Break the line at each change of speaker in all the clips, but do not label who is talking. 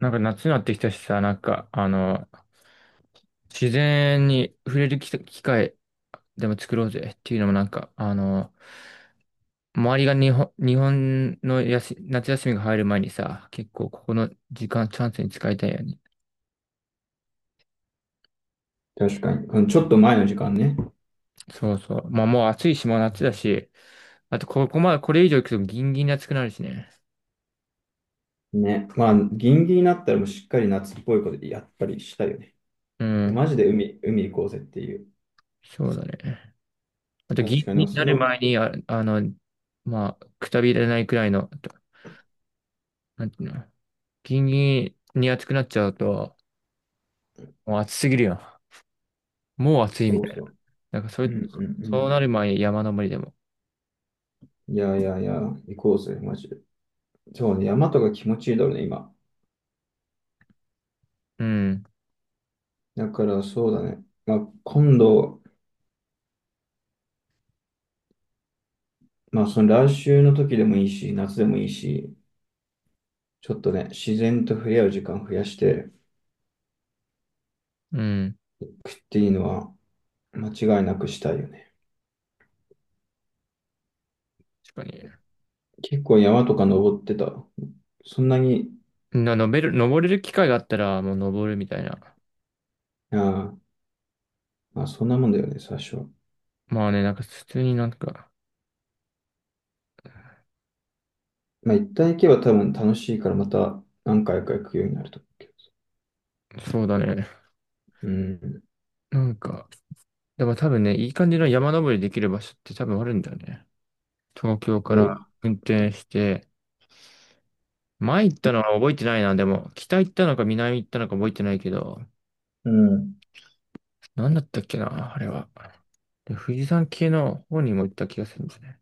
夏になってきたしさ、自然に触れる機会でも作ろうぜっていうのも周りが日本の夏休みが入る前にさ、結構ここの時間チャンスに使いたいよね。
確かに。うんちょっと前の時間ね。
そうそう。まあもう暑いし、もう夏だし、あとここまでこれ以上行くとギンギンに暑くなるしね。
ね。まあ、ギンギンになったらもうしっかり夏っぽいことやっぱりしたいよね。
うん、
マジで海行こうぜっていう。
そうだね。あとギン
確か
ギ
に、
ンに
そ
なる
の、
前に、まあ、くたびれないくらいの、となんていうの、ギンギンに暑くなっちゃうと、もう暑すぎるよ。もう暑いみ
そう
たいな。
そ
なんかそうい
う。う
う、
んう
そうな
ん
る前、山登りでも。
うん。いやいやいや、行こうぜ、マジで。そうね、山とか気持ちいいだろうね、今。
うん、
だからそうだね。まあ、今度、まあ、その来週の時でもいいし、夏でもいいし、ちょっとね、自然と触れ合う時間増やして
うん。
食っていいのは間違いなくしたいよね。
確かに。
結構山とか登ってた。そんなに、
登れる機会があったら、もう登るみたいな。
あーまあ、そんなもんだよね、最初は。
まあね、なんか普通になんか、
まあ、一旦行けば多分楽しいから、また何回か行くようになると思うけど。
そうだね。
うん。
なんか、でも多分ね、いい感じの山登りできる場所って多分あるんだよね。東京
い
か
や、い
ら運転して、前行ったのは覚えてないな、でも、北行ったのか南行ったのか覚えてないけど、
うん。
なんだったっけな、あれは。で、富士山系の方にも行った気がするんですね。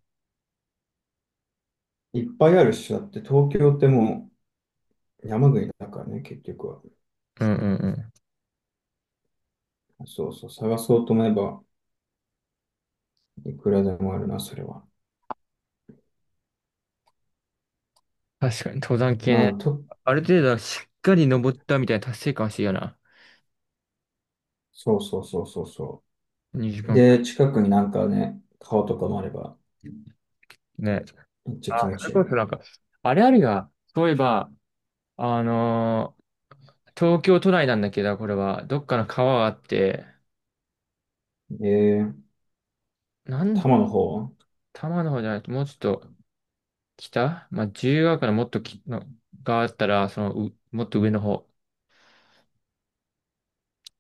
いっぱいあるし、だって東京ってもう山国だからね、結局は。
うんうんうん。
そうそう、探そうと思えば、いくらでもあるな、それは。
確かに登山系
まあ、
ね。
と、
ある程度しっかり登ったみたいな達成感欲しいよな。
そうそうそうそうそ
2
う。
時間
で、
か。
近くになんかね、川とかもあれば、
ね。
めっちゃ
あ、
気持
そ
ち
れ
いい
こ
ね。
そなんか、あれあるが、そういえば、あのー東京都内なんだけど、これは、どっかの川があって、
えー、多
多
摩の方は
摩の方じゃないと、もうちょっと北まあ、自由が丘のもっときの、があったら、その、うもっと上の方。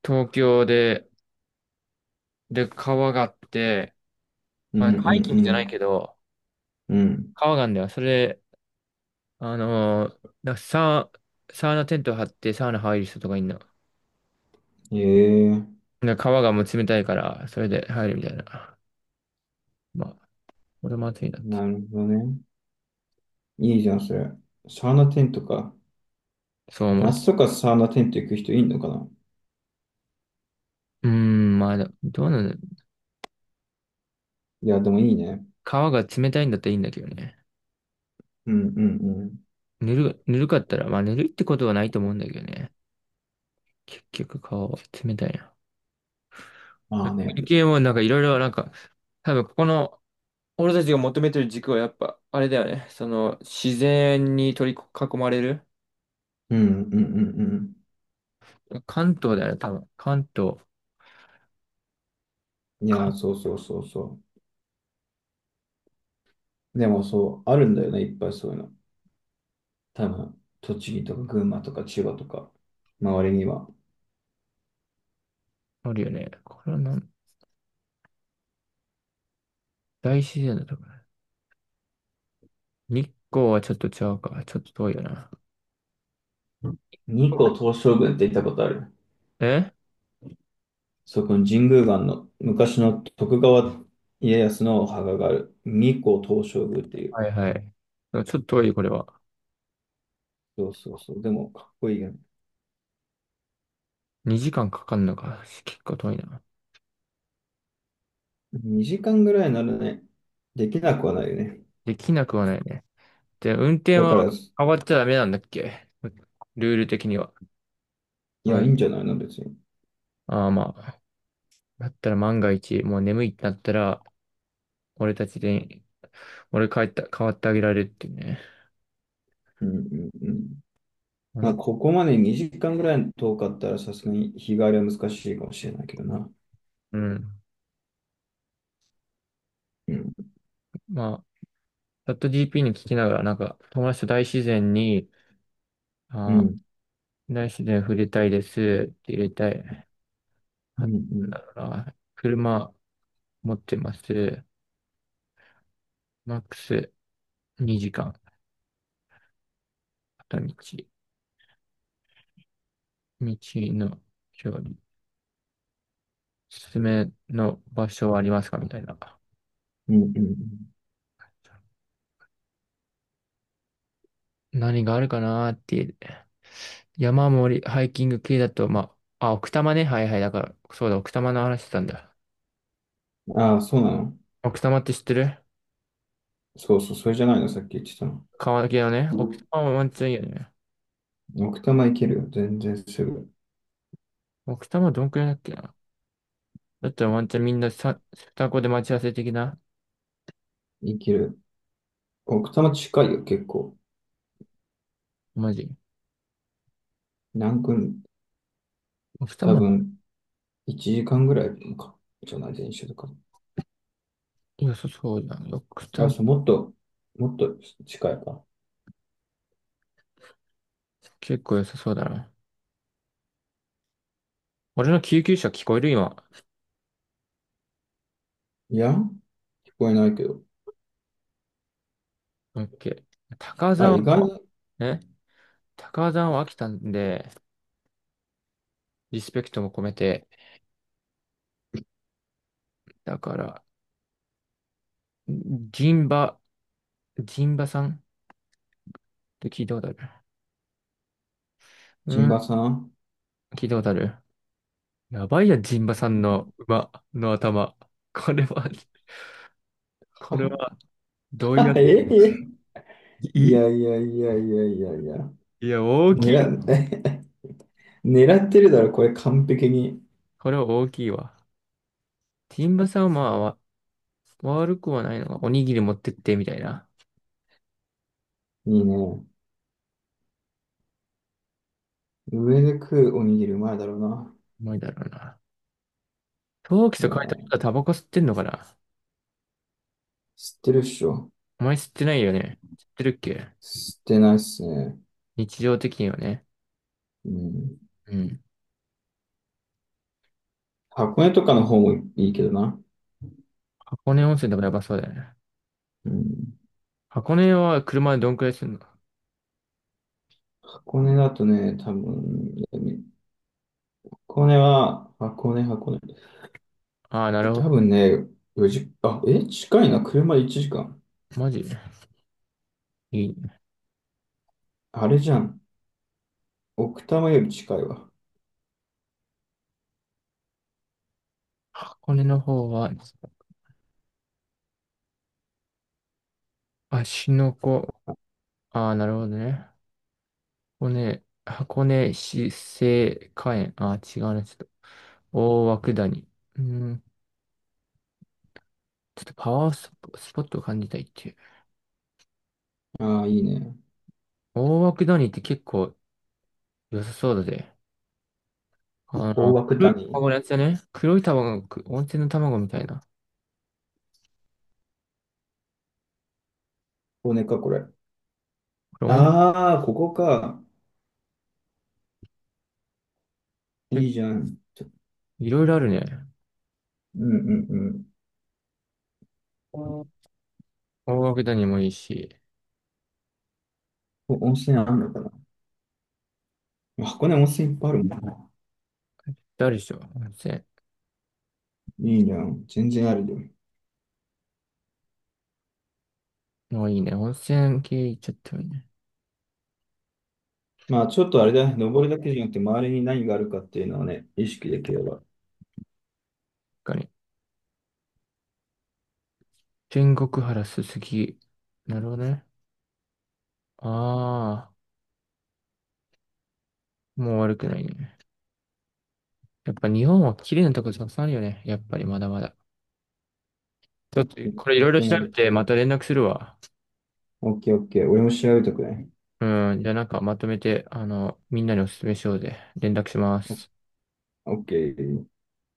東京で、で、川があって、
う
まあ、
んうん
ハイキングじ
う
ゃない
ん。
けど、
うん。
川があるんだよ。それサー、サウナテント張ってサウナ入る人とかいんな。
ええ
で川がもう冷たいから、それで入るみたいな。まあ、俺も暑いなって。
なるほどね。いいじゃん、それ。サウナテントか。
そう思う。
夏とかサウナテント行く人いんのかな？
うーん、まあ、どうなの。
いや、でもいいね。
川が冷たいんだったらいいんだけどね。
うんうんうん。
ぬるかったら、まあ、ぬるいってことはないと思うんだけどね。結局、川は冷たいな。
まあね。
関係もなんかいろいろなんか、多分ここの、俺たちが求めてる軸はやっぱ、あれだよね。その、自然に取り囲まれる。
うんうんうんう
関東だよね、多分。関東。
ん。いや、そうそうそうそう。でもそう、あるんだよね、いっぱいそういうの。多分、栃木とか群馬とか千葉とか、周りには。
あるよね。これはなん、大自然だとかね。日光はちょっとちゃうか。ちょっと遠いよな。
日光東照宮って行ったことある？
え
そこの神宮岩の昔の徳川家康のお墓がある。日光東照宮ってい
は
う。
いはい。ちょっと遠い、これは。
そうそうそう。でも、かっこいいよね。
2時間かかるのか。結構遠いな。
2時間ぐらいならね。できなくはないよね。
できなくはないね。で、運転
だから、
は
い
変わっちゃダメなんだっけ。ルール的には。
や、いいんじ
あ、
ゃないの、別に。
あーまあ。だったら万が一、もう眠いってなったら、俺たちで、俺帰った、変わってあげられるっていうね。
うんうんうん。
まあ
ま
な
あ、
んか
ここまで2時間ぐらい遠かったら、さすがに日帰りは難しいかもしれないけどな。
うん。
うん。
まあ、チャット GP に聞きながら、なんか、友達と大自然に、
う
あ
ん。
ー大自然触れたいです。入れたい。
う
あ、
ん。う
なん
ん。
だろうな。車持ってます。マックス2時間。片道。道の距離。おすすめの場所はありますかみたいな。
うんうん
何があるかなーっていう。山盛り、ハイキング系だと、まあ、あ、奥多摩ね。はいはい。だから、そうだ、奥多摩の話してたんだ。
ああ、そうなの？
奥多摩って知ってる。
そうそう、それじゃないの、さっき言ってたの。
川崎のね。
う
奥多
ん、
摩はワンチャンいいよね。
奥多摩行けるよ。全然すぐ。
奥多摩どんくらいだっけな。だったらワンチャンみんなさ、双子で待ち合わせ的な。
行ける。奥多摩近いよ、結構。
マジ。
南君、
奥
多
も
分、1時間ぐらいか。じゃない、電車とか。
良さそうだな。ドク
あ、
タ
そう、もっと、もっと近いか。
結構良さそうだな。俺の救急車聞こえる今。
いや、聞こえないけど。
オッケー。高尾
あ、
山
意外に、
を、ね、高尾山は飽きたんで、リスペクトも込めて、だから、ジンバ、ジンバさんって聞いたことある？
チ
う
ン
ん、
バさん。
聞いたことある。やばいや、ジンバさんの馬の頭。これは、これ
あ
は、どうやっ
え
て、
えい
い
やいやいやいやいやいや。
いいや、大きい。
狙っ、狙ってるだろ、これ完璧に。
これは大きいわ。ジンバさんはまあ、悪くはないのが、おにぎり持ってって、みたいな。
いいね。上で食うおにぎりうまいだろうな。
重いだろうな。陶器と
う
書いてある
わ
ことはタバコ吸ってんのかな。
知ってるっしょ。
お前吸ってないよね。吸ってるっけ。
知ってないっすね。
日常的にはね。
うん。
うん。
箱根とかの方もいいけどな。
箱根温泉とかやばそうだよね。
うん。
箱根は車でどんくらいするの。
箱根だとね、多分、箱根は、箱根。
ああー、なるほ
多
ど。
分ね、4時、あ、え、近いな。車で1時間。
マジいい。
あれじゃん。奥多摩より近いわ。
箱根の方は、芦ノ湖。ああ、なるほどね。箱根、箱根市生花園。ああ、違うね。ちょっと。大涌谷。うん。ちょっとパワースポットを感じたいっていう。
ああ、いいね。
大涌谷って結構良さそうだぜ。あ
大
の、
涌
黒い卵
谷
のやつだね。黒い卵、温泉の卵みたいな。
これか、これ。
これ温
ああ、ここか。い
泉、
いじゃん。ちょ
いろいろあるね。
うんうんうん。
うん大涌谷もいいし、
ここ温泉あるのかな。箱根温泉いっぱいあるもんな。
あるでしょ、温泉。
いいじゃん。全然あるよ。
もういいね。温泉系行っちゃってもいいね。
まあ、ちょっとあれだね。登るだけじゃなくて、周りに何があるかっていうのをね、意識できれば。
他に。天国原すすき。なるほどね。ああ、もう悪くないね。やっぱ日本は綺麗なとこたくさんあるよね。やっぱりまだまだ。ちょっと、
本
これいろいろ
当
調
にあ
べ
る。
てまた連絡するわ。
オッケーオッケー。俺も調べとくね。
うん、じゃあなんかまとめて、あの、みんなにお勧めしようぜ。連絡します。
オッケー。